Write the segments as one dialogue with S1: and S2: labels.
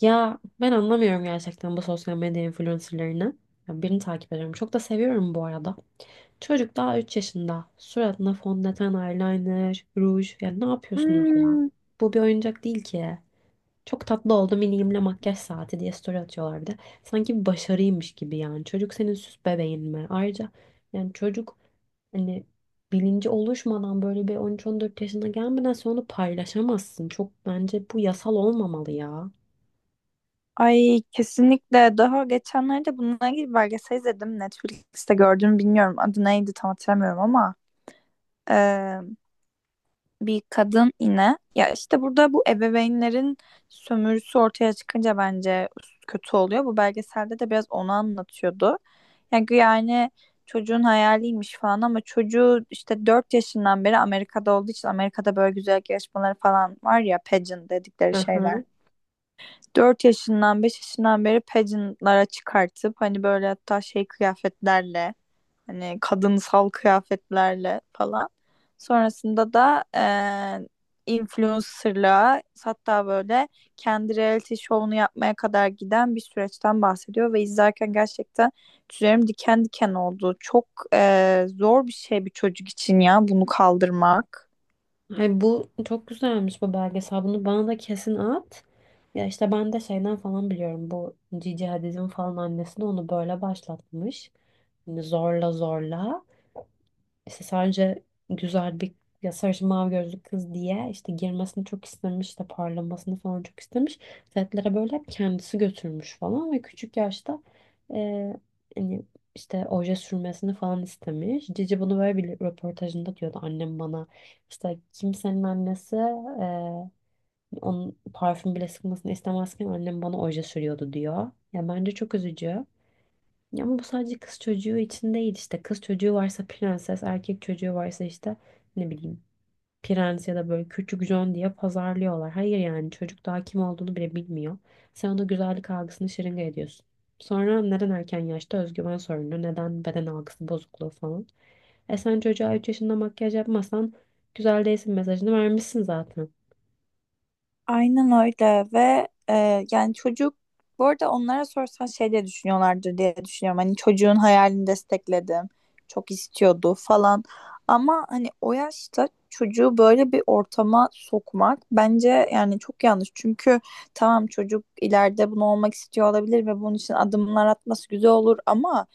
S1: Ya ben anlamıyorum gerçekten bu sosyal medya influencerlarını. Ya birini takip ediyorum. Çok da seviyorum bu arada. Çocuk daha 3 yaşında. Suratına fondöten, eyeliner, ruj. Ya ne yapıyorsunuz ya?
S2: Hmm,
S1: Bu bir oyuncak değil ki. Çok tatlı oldu miniğimle makyaj saati diye story atıyorlar bir de. Sanki bir başarıymış gibi yani. Çocuk senin süs bebeğin mi? Ayrıca yani çocuk hani bilinci oluşmadan böyle bir 13-14 yaşına gelmeden sonra onu paylaşamazsın. Çok bence bu yasal olmamalı ya.
S2: ay kesinlikle. Daha geçenlerde bununla ilgili belgesel izledim. Netflix'te gördüm bilmiyorum. Adı neydi tam hatırlamıyorum ama eee, bir kadın yine. Ya işte burada bu ebeveynlerin sömürüsü ortaya çıkınca bence kötü oluyor. Bu belgeselde de biraz onu anlatıyordu. Yani çocuğun hayaliymiş falan ama çocuğu işte 4 yaşından beri Amerika'da olduğu için Amerika'da böyle güzellik yarışmaları falan var ya pageant dedikleri şeyler.
S1: Aha.
S2: 4 yaşından 5 yaşından beri pageantlara çıkartıp hani böyle hatta şey kıyafetlerle hani kadınsal kıyafetlerle falan. Sonrasında da influencerlığa hatta böyle kendi reality show'unu yapmaya kadar giden bir süreçten bahsediyor ve izlerken gerçekten tüylerim diken diken oldu. Çok zor bir şey bir çocuk için ya bunu kaldırmak.
S1: Ay, bu çok güzelmiş bu belgesel. Bunu bana da kesin at. Ya işte ben de şeyden falan biliyorum. Bu Cici Hadid'in falan annesi de onu böyle başlatmış. Hani zorla zorla. İşte sadece güzel bir, ya, sarışın mavi gözlü kız diye işte girmesini çok istemiş, işte parlamasını falan çok istemiş. Setlere böyle hep kendisi götürmüş falan ve küçük yaşta e, hani işte oje sürmesini falan istemiş. Cici bunu böyle bir röportajında diyordu, annem bana işte kimsenin annesi onun parfüm bile sıkmasını istemezken annem bana oje sürüyordu diyor. Ya bence çok üzücü. Ya ama bu sadece kız çocuğu için değil işte. Kız çocuğu varsa prenses, erkek çocuğu varsa işte ne bileyim prens ya da böyle küçük John diye pazarlıyorlar. Hayır yani çocuk daha kim olduğunu bile bilmiyor. Sen ona güzellik algısını şırınga ediyorsun. Sonra neden erken yaşta özgüven sorunu, neden beden algısı bozukluğu falan. E sen çocuğa 3 yaşında makyaj yapmasan güzel değilsin mesajını vermişsin zaten.
S2: Aynen öyle ve yani çocuk bu arada onlara sorsan şey diye düşünüyorlardır diye düşünüyorum. Hani çocuğun hayalini destekledim. Çok istiyordu falan. Ama hani o yaşta çocuğu böyle bir ortama sokmak bence yani çok yanlış. Çünkü tamam çocuk ileride bunu olmak istiyor olabilir ve bunun için adımlar atması güzel olur ama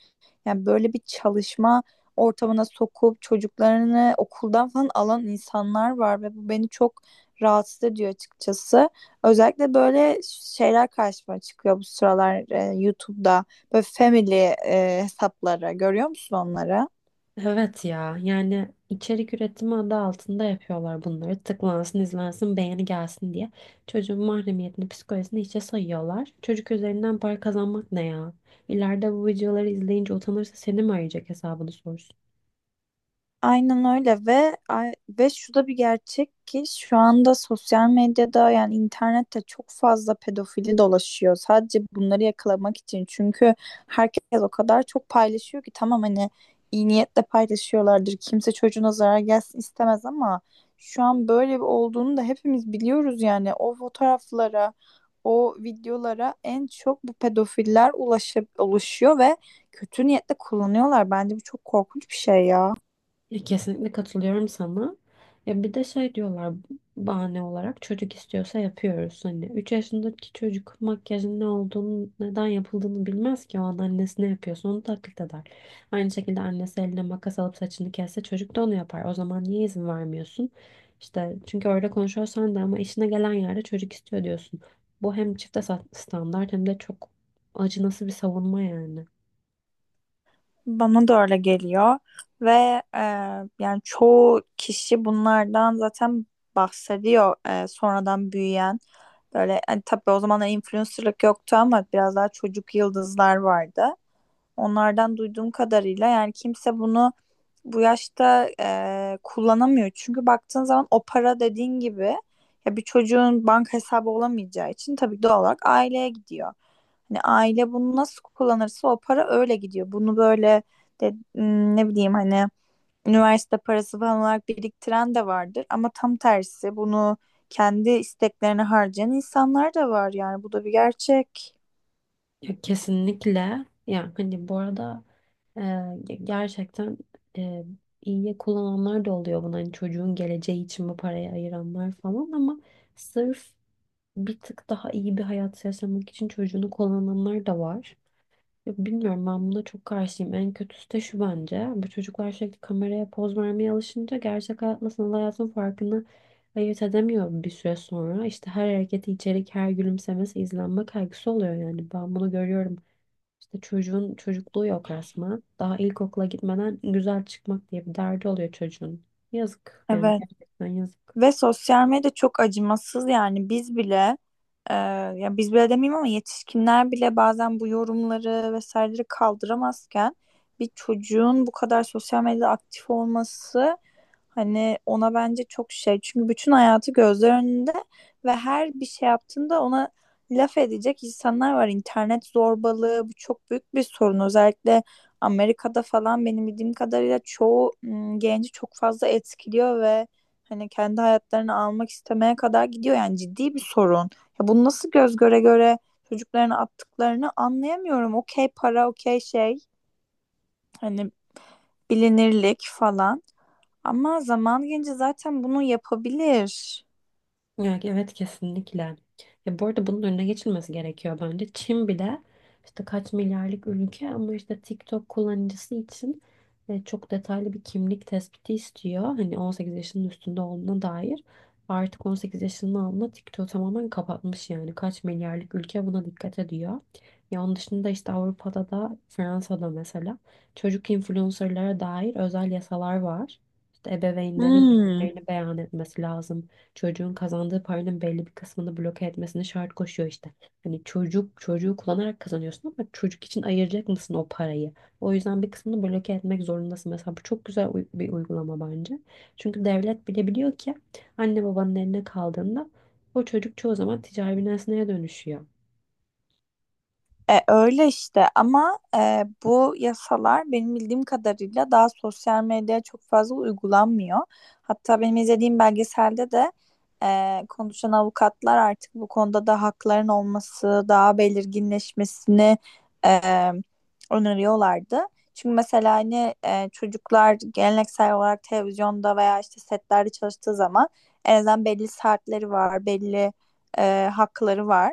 S2: yani böyle bir çalışma ortamına sokup çocuklarını okuldan falan alan insanlar var ve bu beni çok rahatsız ediyor açıkçası. Özellikle böyle şeyler karşıma çıkıyor bu sıralar YouTube'da. Böyle family hesapları görüyor musun onları?
S1: Evet ya, yani içerik üretimi adı altında yapıyorlar bunları. Tıklansın, izlensin, beğeni gelsin diye. Çocuğun mahremiyetini, psikolojisini hiçe sayıyorlar. Çocuk üzerinden para kazanmak ne ya? İleride bu videoları izleyince utanırsa seni mi arayacak hesabını sorsun?
S2: Aynen öyle ve ve şu da bir gerçek ki şu anda sosyal medyada yani internette çok fazla pedofili dolaşıyor. Sadece bunları yakalamak için çünkü herkes o kadar çok paylaşıyor ki tamam hani iyi niyetle paylaşıyorlardır. Kimse çocuğuna zarar gelsin istemez ama şu an böyle bir olduğunu da hepimiz biliyoruz yani o fotoğraflara, o videolara en çok bu pedofiller ulaşıp oluşuyor ve kötü niyetle kullanıyorlar. Bence bu çok korkunç bir şey ya.
S1: Ya kesinlikle katılıyorum sana. Ya bir de şey diyorlar bahane olarak, çocuk istiyorsa yapıyoruz. Hani 3 yaşındaki çocuk makyajın ne olduğunu, neden yapıldığını bilmez ki. O an annesi ne yapıyorsa onu taklit eder. Aynı şekilde annesi eline makas alıp saçını kesse çocuk da onu yapar. O zaman niye izin vermiyorsun? İşte çünkü öyle konuşuyorsan da ama işine gelen yerde çocuk istiyor diyorsun. Bu hem standart hem de çok acınası bir savunma yani.
S2: Bana da öyle geliyor ve e, yani çoğu kişi bunlardan zaten bahsediyor sonradan büyüyen böyle hani tabii o zamanlar influencerlık yoktu ama biraz daha çocuk yıldızlar vardı. Onlardan duyduğum kadarıyla yani kimse bunu bu yaşta kullanamıyor. Çünkü baktığın zaman o para dediğin gibi ya bir çocuğun banka hesabı olamayacağı için tabii doğal olarak aileye gidiyor. Hani aile bunu nasıl kullanırsa o para öyle gidiyor. Bunu böyle ne bileyim hani üniversite parası falan olarak biriktiren de vardır. Ama tam tersi bunu kendi isteklerine harcayan insanlar da var yani bu da bir gerçek.
S1: Ya kesinlikle. Yani hani bu arada gerçekten e, iyiye kullananlar da oluyor bunu. Hani çocuğun geleceği için bu parayı ayıranlar falan ama sırf bir tık daha iyi bir hayat yaşamak için çocuğunu kullananlar da var. Ya bilmiyorum, ben buna çok karşıyım. En kötüsü de şu bence. Bu çocuklar sürekli kameraya poz vermeye alışınca gerçek hayatla sanal hayatın farkını ayırt edemiyor bir süre sonra. İşte her hareketi içerik, her gülümsemesi izlenme kaygısı oluyor yani. Ben bunu görüyorum, işte çocuğun çocukluğu yok resmen. Daha ilkokula gitmeden güzel çıkmak diye bir derdi oluyor çocuğun. Yazık yani,
S2: Evet.
S1: gerçekten yazık.
S2: Ve sosyal medya çok acımasız yani biz bile e, ya biz bile demeyeyim ama yetişkinler bile bazen bu yorumları vesaireleri kaldıramazken bir çocuğun bu kadar sosyal medyada aktif olması hani ona bence çok şey. Çünkü bütün hayatı gözler önünde ve her bir şey yaptığında ona laf edecek insanlar var. İnternet zorbalığı bu çok büyük bir sorun. Özellikle Amerika'da falan benim bildiğim kadarıyla çoğu genci çok fazla etkiliyor ve hani kendi hayatlarını almak istemeye kadar gidiyor yani ciddi bir sorun. Ya bunu nasıl göz göre göre çocuklarını attıklarını anlayamıyorum. Okey para, okey şey, hani bilinirlik falan. Ama zaman gelince zaten bunu yapabilir.
S1: Ya, evet kesinlikle. Ya bu arada bunun önüne geçilmesi gerekiyor bence. Çin bile işte kaç milyarlık ülke ama işte TikTok kullanıcısı için çok detaylı bir kimlik tespiti istiyor. Hani 18 yaşının üstünde olduğuna dair. Artık 18 yaşının altında TikTok tamamen kapatmış yani. Kaç milyarlık ülke buna dikkat ediyor. Ya onun dışında işte Avrupa'da da Fransa'da mesela çocuk influencerlara dair özel yasalar var. İşte ebeveynlerin
S2: Hmm.
S1: gelirlerini beyan etmesi lazım, çocuğun kazandığı paranın belli bir kısmını bloke etmesini şart koşuyor işte. Hani çocuk çocuğu kullanarak kazanıyorsun ama çocuk için ayıracak mısın o parayı? O yüzden bir kısmını bloke etmek zorundasın. Mesela bu çok güzel bir uygulama bence. Çünkü devlet bile biliyor ki anne babanın eline kaldığında o çocuk çoğu zaman ticari bir nesneye dönüşüyor.
S2: E, öyle işte ama bu yasalar benim bildiğim kadarıyla daha sosyal medyaya çok fazla uygulanmıyor. Hatta benim izlediğim belgeselde de konuşan avukatlar artık bu konuda da hakların olması, daha belirginleşmesini e, öneriyorlardı. Çünkü mesela hani çocuklar geleneksel olarak televizyonda veya işte setlerde çalıştığı zaman en azından belli saatleri var, belli hakları var.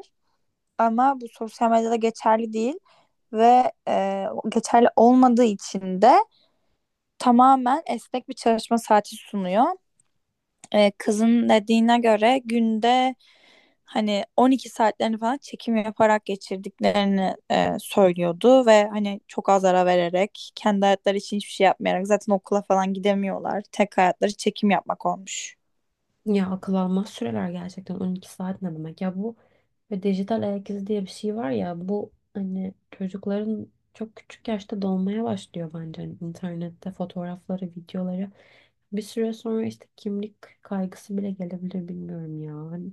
S2: Ama bu sosyal medyada geçerli değil ve geçerli olmadığı için de tamamen esnek bir çalışma saati sunuyor. E, kızın dediğine göre günde hani 12 saatlerini falan çekim yaparak geçirdiklerini söylüyordu ve hani çok az ara vererek kendi hayatları için hiçbir şey yapmayarak zaten okula falan gidemiyorlar. Tek hayatları çekim yapmak olmuş.
S1: Ya akıl almaz süreler gerçekten. 12 saat ne demek ya bu? Ve dijital ayak izi diye bir şey var ya, bu hani çocukların çok küçük yaşta dolmaya başlıyor bence. Hani internette fotoğrafları, videoları, bir süre sonra işte kimlik kaygısı bile gelebilir, bilmiyorum ya. Hani,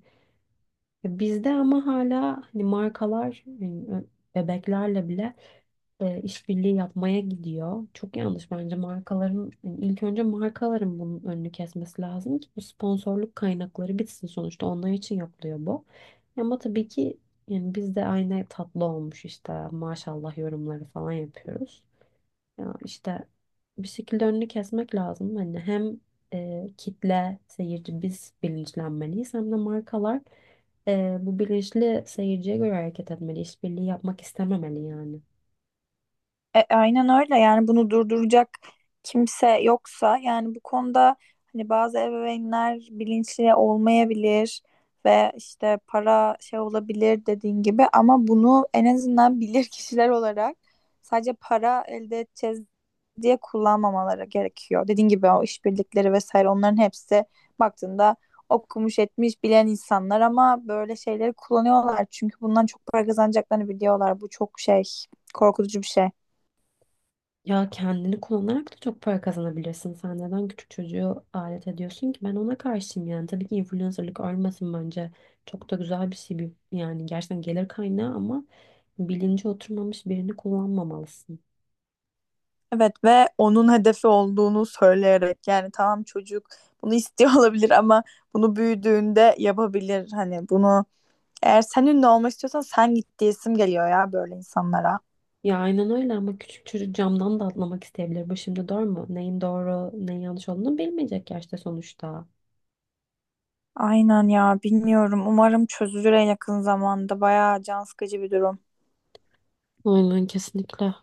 S1: e, bizde ama hala hani markalar yani bebeklerle bile işbirliği yapmaya gidiyor. Çok yanlış bence markaların, yani ilk önce markaların bunun önünü kesmesi lazım ki bu sponsorluk kaynakları bitsin, sonuçta onlar için yapılıyor bu. Ama tabii ki yani biz de aynı tatlı olmuş işte maşallah yorumları falan yapıyoruz. Ya işte bir şekilde önünü kesmek lazım. Hani hem kitle, seyirci, biz bilinçlenmeliyiz hem de markalar bu bilinçli seyirciye göre hareket etmeli. İşbirliği yapmak istememeli yani.
S2: E, aynen öyle yani bunu durduracak kimse yoksa yani bu konuda hani bazı ebeveynler bilinçli olmayabilir ve işte para şey olabilir dediğin gibi ama bunu en azından bilir kişiler olarak sadece para elde edeceğiz diye kullanmamaları gerekiyor. Dediğin gibi o işbirlikleri vesaire onların hepsi baktığında okumuş etmiş bilen insanlar ama böyle şeyleri kullanıyorlar çünkü bundan çok para kazanacaklarını biliyorlar. Bu çok şey korkutucu bir şey.
S1: Ya kendini kullanarak da çok para kazanabilirsin. Sen neden küçük çocuğu alet ediyorsun ki? Ben ona karşıyım yani. Tabii ki influencerlık ölmesin bence. Çok da güzel bir şey. Yani gerçekten gelir kaynağı ama bilinci oturmamış birini kullanmamalısın.
S2: Evet ve onun hedefi olduğunu söyleyerek yani tamam çocuk bunu istiyor olabilir ama bunu büyüdüğünde yapabilir. Hani bunu eğer sen ünlü olmak istiyorsan sen git diyesim geliyor ya böyle insanlara.
S1: Ya aynen öyle ama küçük çocuk camdan da atlamak isteyebilir. Bu şimdi doğru mu? Neyin doğru, neyin yanlış olduğunu bilmeyecek yaşta sonuçta.
S2: Aynen ya bilmiyorum. Umarım çözülür en yakın zamanda. Bayağı can sıkıcı bir durum.
S1: Aynen kesinlikle.